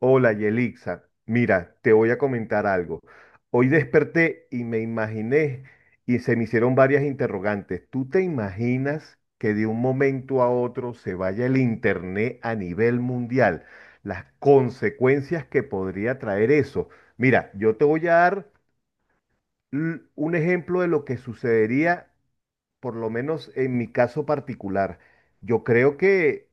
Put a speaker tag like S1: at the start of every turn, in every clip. S1: Hola, Yelixa. Mira, te voy a comentar algo. Hoy desperté y me imaginé y se me hicieron varias interrogantes. ¿Tú te imaginas que de un momento a otro se vaya el internet a nivel mundial? Las consecuencias que podría traer eso. Mira, yo te voy a dar un ejemplo de lo que sucedería, por lo menos en mi caso particular. Yo creo que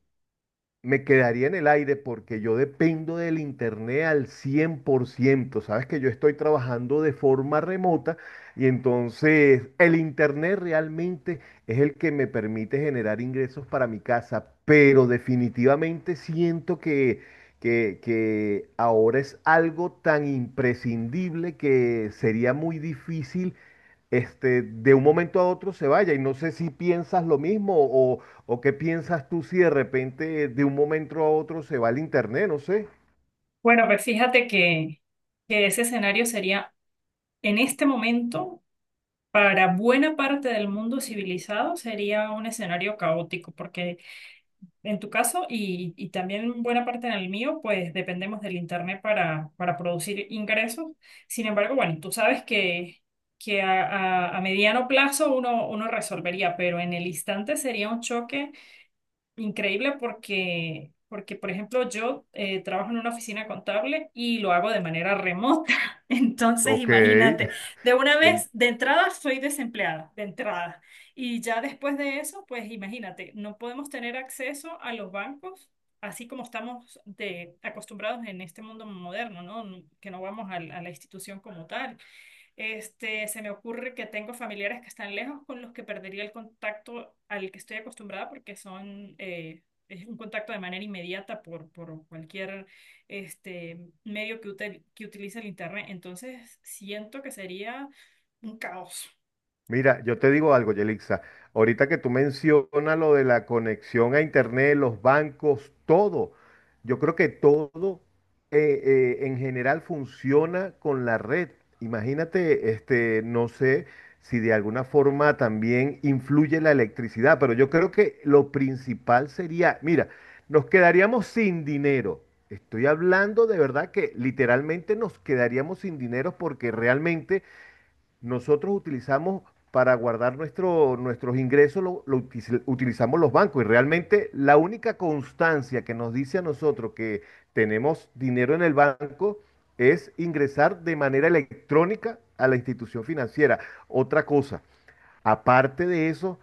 S1: me quedaría en el aire porque yo dependo del internet al 100%. Sabes que yo estoy trabajando de forma remota y entonces el internet realmente es el que me permite generar ingresos para mi casa, pero definitivamente siento que ahora es algo tan imprescindible que sería muy difícil de un momento a otro se vaya. Y no sé si piensas lo mismo o qué piensas tú si de repente de un momento a otro se va el internet, no sé.
S2: Bueno, pues fíjate que ese escenario sería, en este momento, para buena parte del mundo civilizado, sería un escenario caótico, porque en tu caso y también buena parte en el mío, pues dependemos del Internet para producir ingresos. Sin embargo, bueno, tú sabes que a mediano plazo uno resolvería, pero en el instante sería un choque increíble por ejemplo, yo trabajo en una oficina contable y lo hago de manera remota. Entonces,
S1: Ok,
S2: imagínate, de una vez,
S1: entiendo.
S2: de entrada, soy desempleada, de entrada. Y ya después de eso, pues imagínate, no podemos tener acceso a los bancos. Así como estamos de acostumbrados en este mundo moderno, ¿no? Que no vamos a la institución como tal. Este, se me ocurre que tengo familiares que están lejos con los que perdería el contacto al que estoy acostumbrada porque son es un contacto de manera inmediata por cualquier este, medio que utilice el internet. Entonces siento que sería un caos.
S1: Mira, yo te digo algo, Yelixa. Ahorita que tú mencionas lo de la conexión a internet, los bancos, todo, yo creo que todo en general funciona con la red. Imagínate, no sé si de alguna forma también influye la electricidad, pero yo creo que lo principal sería, mira, nos quedaríamos sin dinero. Estoy hablando de verdad que literalmente nos quedaríamos sin dinero porque realmente nosotros utilizamos para guardar nuestros ingresos, lo utilizamos los bancos y realmente la única constancia que nos dice a nosotros que tenemos dinero en el banco es ingresar de manera electrónica a la institución financiera. Otra cosa, aparte de eso,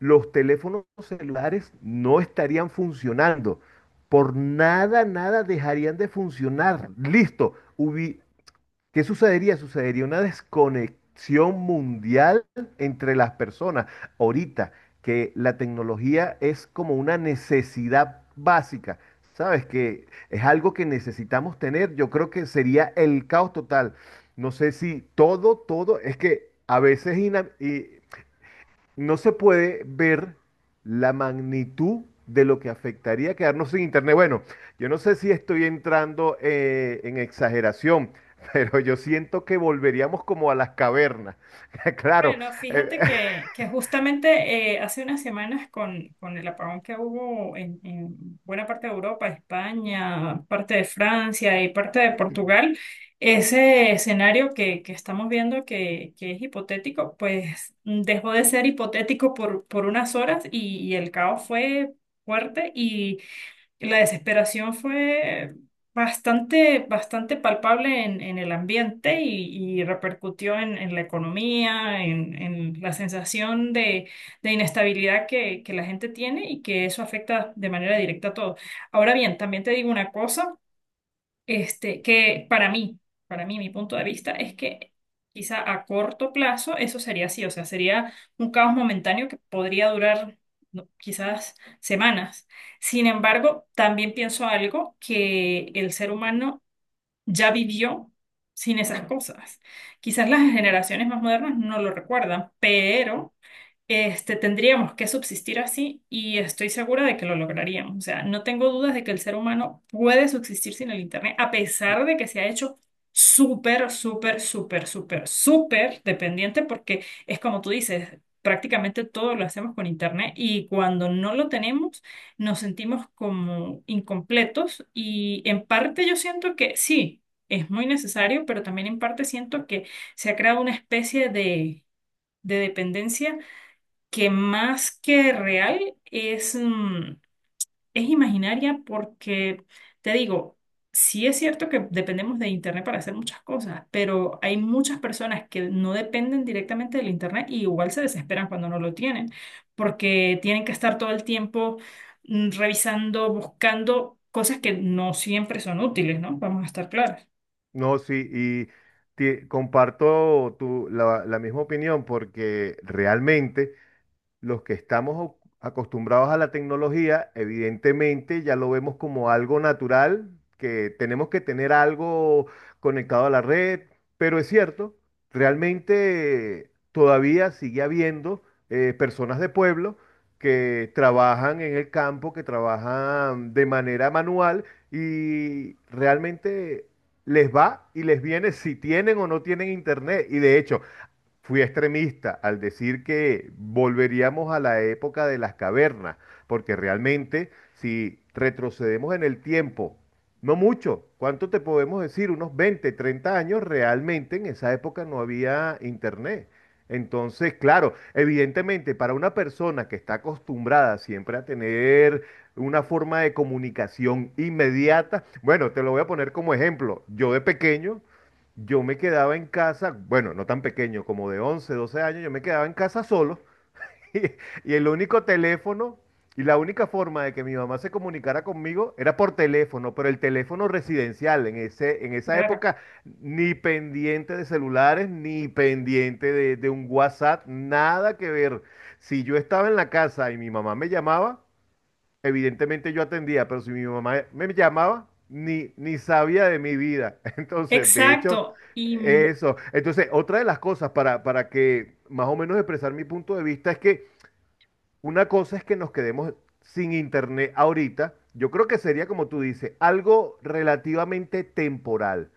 S1: los teléfonos celulares no estarían funcionando. Por nada, nada dejarían de funcionar. Listo, ¿qué sucedería? Sucedería una desconexión mundial entre las personas. Ahorita que la tecnología es como una necesidad básica, ¿sabes? Que es algo que necesitamos tener. Yo creo que sería el caos total. No sé si todo, es que a veces no se puede ver la magnitud de lo que afectaría quedarnos sin internet. Bueno, yo no sé si estoy entrando en exageración, pero yo siento que volveríamos como a las cavernas. Claro,
S2: Bueno,
S1: eh,
S2: fíjate que justamente hace unas semanas con el apagón que hubo en buena parte de Europa, España, parte de Francia y parte de Portugal, ese escenario que estamos viendo que es hipotético, pues dejó de ser hipotético por unas horas y el caos fue fuerte, la desesperación fue bastante, bastante palpable en el ambiente y repercutió en la economía, en la sensación de inestabilidad que la gente tiene y que eso afecta de manera directa a todo. Ahora bien, también te digo una cosa. Que para mí, mi punto de vista es que quizá a corto plazo eso sería así, o sea, sería un caos momentáneo que podría durar no, quizás semanas. Sin embargo, también pienso algo, que el ser humano ya vivió sin esas cosas. Quizás las generaciones más modernas no lo recuerdan, pero tendríamos que subsistir así y estoy segura de que lo lograríamos. O sea, no tengo dudas de que el ser humano puede subsistir sin el Internet, a pesar de que se ha hecho súper, súper, súper, súper, súper dependiente, porque es como tú dices, prácticamente todo lo hacemos con Internet y cuando no lo tenemos nos sentimos como incompletos y en parte yo siento que sí, es muy necesario, pero también en parte siento que se ha creado una especie de dependencia que más que real es, es imaginaria porque, te digo, sí es cierto que dependemos de Internet para hacer muchas cosas, pero hay muchas personas que no dependen directamente del Internet y igual se desesperan cuando no lo tienen, porque tienen que estar todo el tiempo revisando, buscando cosas que no siempre son útiles, ¿no? Vamos a estar claros.
S1: no, sí, y comparto la misma opinión porque realmente los que estamos acostumbrados a la tecnología, evidentemente ya lo vemos como algo natural, que tenemos que tener algo conectado a la red, pero es cierto, realmente todavía sigue habiendo personas de pueblo que trabajan en el campo, que trabajan de manera manual y realmente les va y les viene si tienen o no tienen internet. Y de hecho, fui extremista al decir que volveríamos a la época de las cavernas, porque realmente si retrocedemos en el tiempo, no mucho, ¿cuánto te podemos decir? Unos 20 30 años, realmente en esa época no había internet. Entonces, claro, evidentemente para una persona que está acostumbrada siempre a tener una forma de comunicación inmediata, bueno, te lo voy a poner como ejemplo. Yo de pequeño yo me quedaba en casa, bueno, no tan pequeño, como de 11 12 años, yo me quedaba en casa solo y, y el único teléfono y la única forma de que mi mamá se comunicara conmigo era por teléfono, pero el teléfono residencial en en esa
S2: Claro.
S1: época, ni pendiente de celulares, ni pendiente de un WhatsApp, nada que ver. Si yo estaba en la casa y mi mamá me llamaba, evidentemente yo atendía, pero si mi mamá me llamaba, ni sabía de mi vida. Entonces, de hecho,
S2: Exacto.
S1: eso. Entonces, otra de las cosas para que más o menos expresar mi punto de vista es que una cosa es que nos quedemos sin internet ahorita. Yo creo que sería, como tú dices, algo relativamente temporal.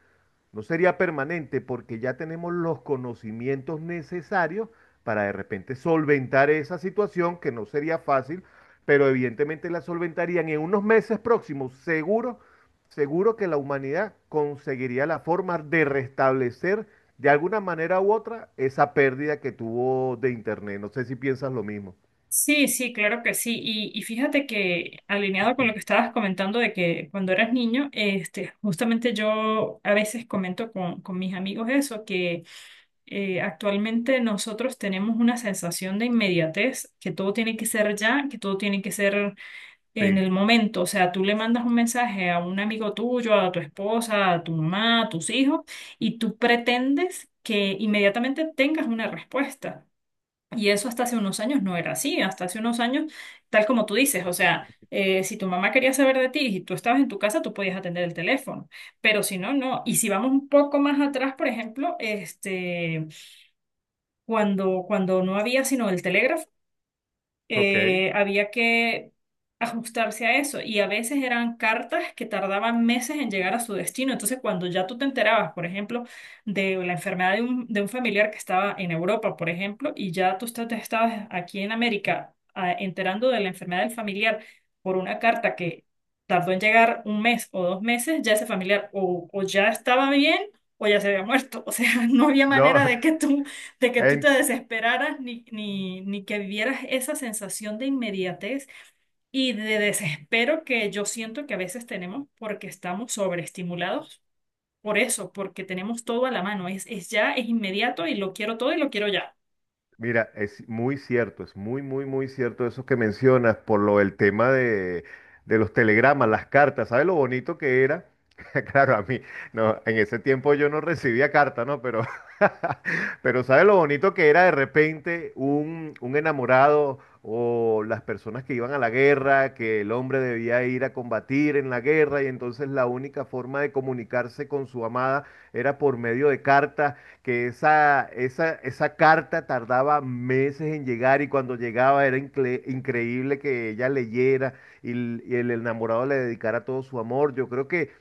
S1: No sería permanente porque ya tenemos los conocimientos necesarios para de repente solventar esa situación que no sería fácil, pero evidentemente la solventarían en unos meses próximos. Seguro que la humanidad conseguiría la forma de restablecer de alguna manera u otra esa pérdida que tuvo de Internet. No sé si piensas lo mismo.
S2: Sí, sí, claro que sí. Y fíjate que, alineado con lo que estabas comentando de que cuando eras niño, este, justamente yo a veces comento con mis amigos eso, que actualmente nosotros tenemos una sensación de inmediatez, que todo tiene que ser ya, que todo tiene que ser en
S1: Sí,
S2: el momento. O sea, tú le mandas un mensaje a un amigo tuyo, a tu esposa, a tu mamá, a tus hijos, y tú pretendes que inmediatamente tengas una respuesta. Y eso hasta hace unos años no era así, hasta hace unos años, tal como tú dices, o sea, si tu mamá quería saber de ti y tú estabas en tu casa, tú podías atender el teléfono, pero si no, no. Y si vamos un poco más atrás, por ejemplo, cuando no había sino el telégrafo,
S1: ok.
S2: había que ajustarse a eso y a veces eran cartas que tardaban meses en llegar a su destino. Entonces, cuando ya tú te enterabas, por ejemplo, de la enfermedad de un familiar que estaba en Europa, por ejemplo, y ya te estabas aquí en América enterando de la enfermedad del familiar por una carta que tardó en llegar un mes o dos meses, ya ese familiar o ya estaba bien o ya se había muerto. O sea, no había
S1: No,
S2: manera de que tú te
S1: en-
S2: desesperaras ni, ni, ni que vivieras esa sensación de inmediatez y de desespero que yo siento que a veces tenemos porque estamos sobreestimulados por eso, porque tenemos todo a la mano, es ya, es inmediato y lo quiero todo y lo quiero ya.
S1: Mira, es muy cierto, es muy, muy, muy cierto eso que mencionas por lo del tema de los telegramas, las cartas. ¿Sabes lo bonito que era? Claro, a mí, no, en ese tiempo yo no recibía carta, ¿no? Pero, pero ¿sabes lo bonito que era de repente un enamorado o las personas que iban a la guerra, que el hombre debía ir a combatir en la guerra y entonces la única forma de comunicarse con su amada era por medio de cartas? Que esa carta tardaba meses en llegar y cuando llegaba era increíble que ella leyera y el enamorado le dedicara todo su amor.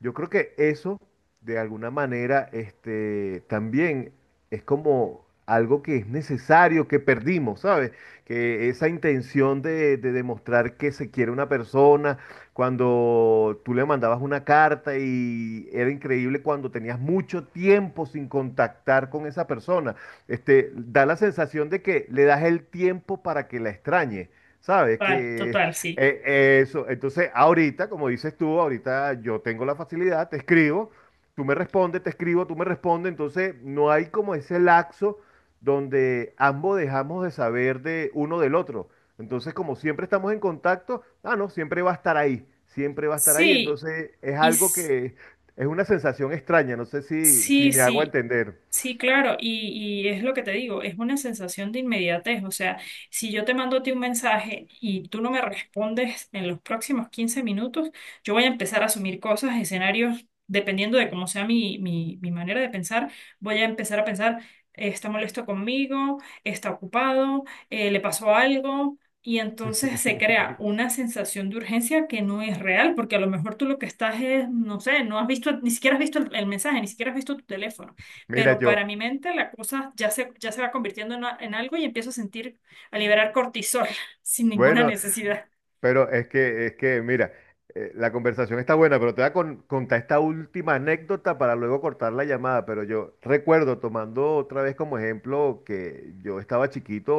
S1: Yo creo que eso, de alguna manera, también es como algo que es necesario, que perdimos, ¿sabes? Que esa intención de demostrar que se quiere una persona, cuando tú le mandabas una carta y era increíble cuando tenías mucho tiempo sin contactar con esa persona. Este, da la sensación de que le das el tiempo para que la extrañe, ¿sabes?
S2: Total,
S1: Que
S2: total, sí.
S1: eso, entonces ahorita, como dices tú, ahorita yo tengo la facilidad, te escribo, tú me respondes, te escribo, tú me respondes, entonces no hay como ese laxo donde ambos dejamos de saber de uno del otro. Entonces, como siempre estamos en contacto, ah, no, siempre va a estar ahí, siempre va a estar ahí.
S2: Sí,
S1: Entonces, es
S2: y
S1: algo
S2: s-
S1: que es una sensación extraña, no sé si
S2: sí,
S1: me hago
S2: sí.
S1: entender.
S2: Sí, claro, y es lo que te digo, es una sensación de inmediatez, o sea, si yo te mando a ti un mensaje y tú no me respondes en los próximos 15 minutos, yo voy a empezar a asumir cosas, escenarios, dependiendo de cómo sea mi manera de pensar, voy a empezar a pensar, está molesto conmigo, está ocupado, le pasó algo, y entonces se crea una sensación de urgencia que no es real, porque a lo mejor tú lo que estás es, no sé, no has visto, ni siquiera has visto el mensaje, ni siquiera has visto tu teléfono,
S1: Mira,
S2: pero
S1: yo,
S2: para mi mente la cosa ya se va convirtiendo en, en algo y empiezo a sentir, a liberar cortisol sin ninguna
S1: bueno,
S2: necesidad.
S1: Pero es mira, la conversación está buena, pero te voy a contar esta última anécdota para luego cortar la llamada. Pero yo recuerdo, tomando otra vez como ejemplo, que yo estaba chiquito,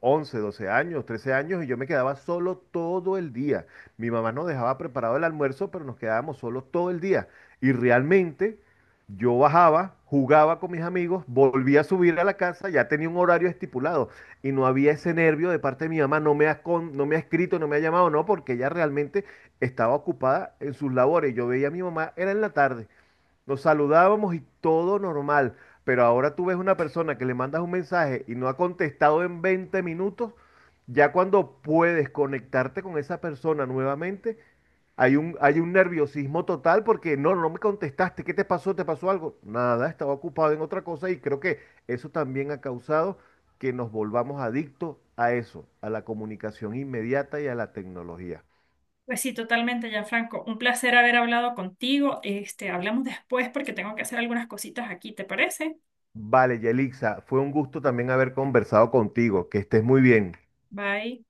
S1: 11 12 años, 13 años, y yo me quedaba solo todo el día. Mi mamá nos dejaba preparado el almuerzo, pero nos quedábamos solos todo el día. Y realmente yo bajaba, jugaba con mis amigos, volvía a subir a la casa, ya tenía un horario estipulado y no había ese nervio de parte de mi mamá, no me ha, no me ha escrito, no me ha llamado, no, porque ella realmente estaba ocupada en sus labores. Yo veía a mi mamá, era en la tarde, nos saludábamos y todo normal, pero ahora tú ves una persona que le mandas un mensaje y no ha contestado en 20 minutos, ya cuando puedes conectarte con esa persona nuevamente, hay un nerviosismo total porque no, no me contestaste, ¿qué te pasó? ¿Te pasó algo? Nada, estaba ocupado en otra cosa y creo que eso también ha causado que nos volvamos adictos a eso, a la comunicación inmediata y a la tecnología.
S2: Pues sí, totalmente, Gianfranco. Un placer haber hablado contigo. Este, hablamos después porque tengo que hacer algunas cositas aquí, ¿te parece?
S1: Vale, Yelixa, fue un gusto también haber conversado contigo, que estés muy bien.
S2: Bye.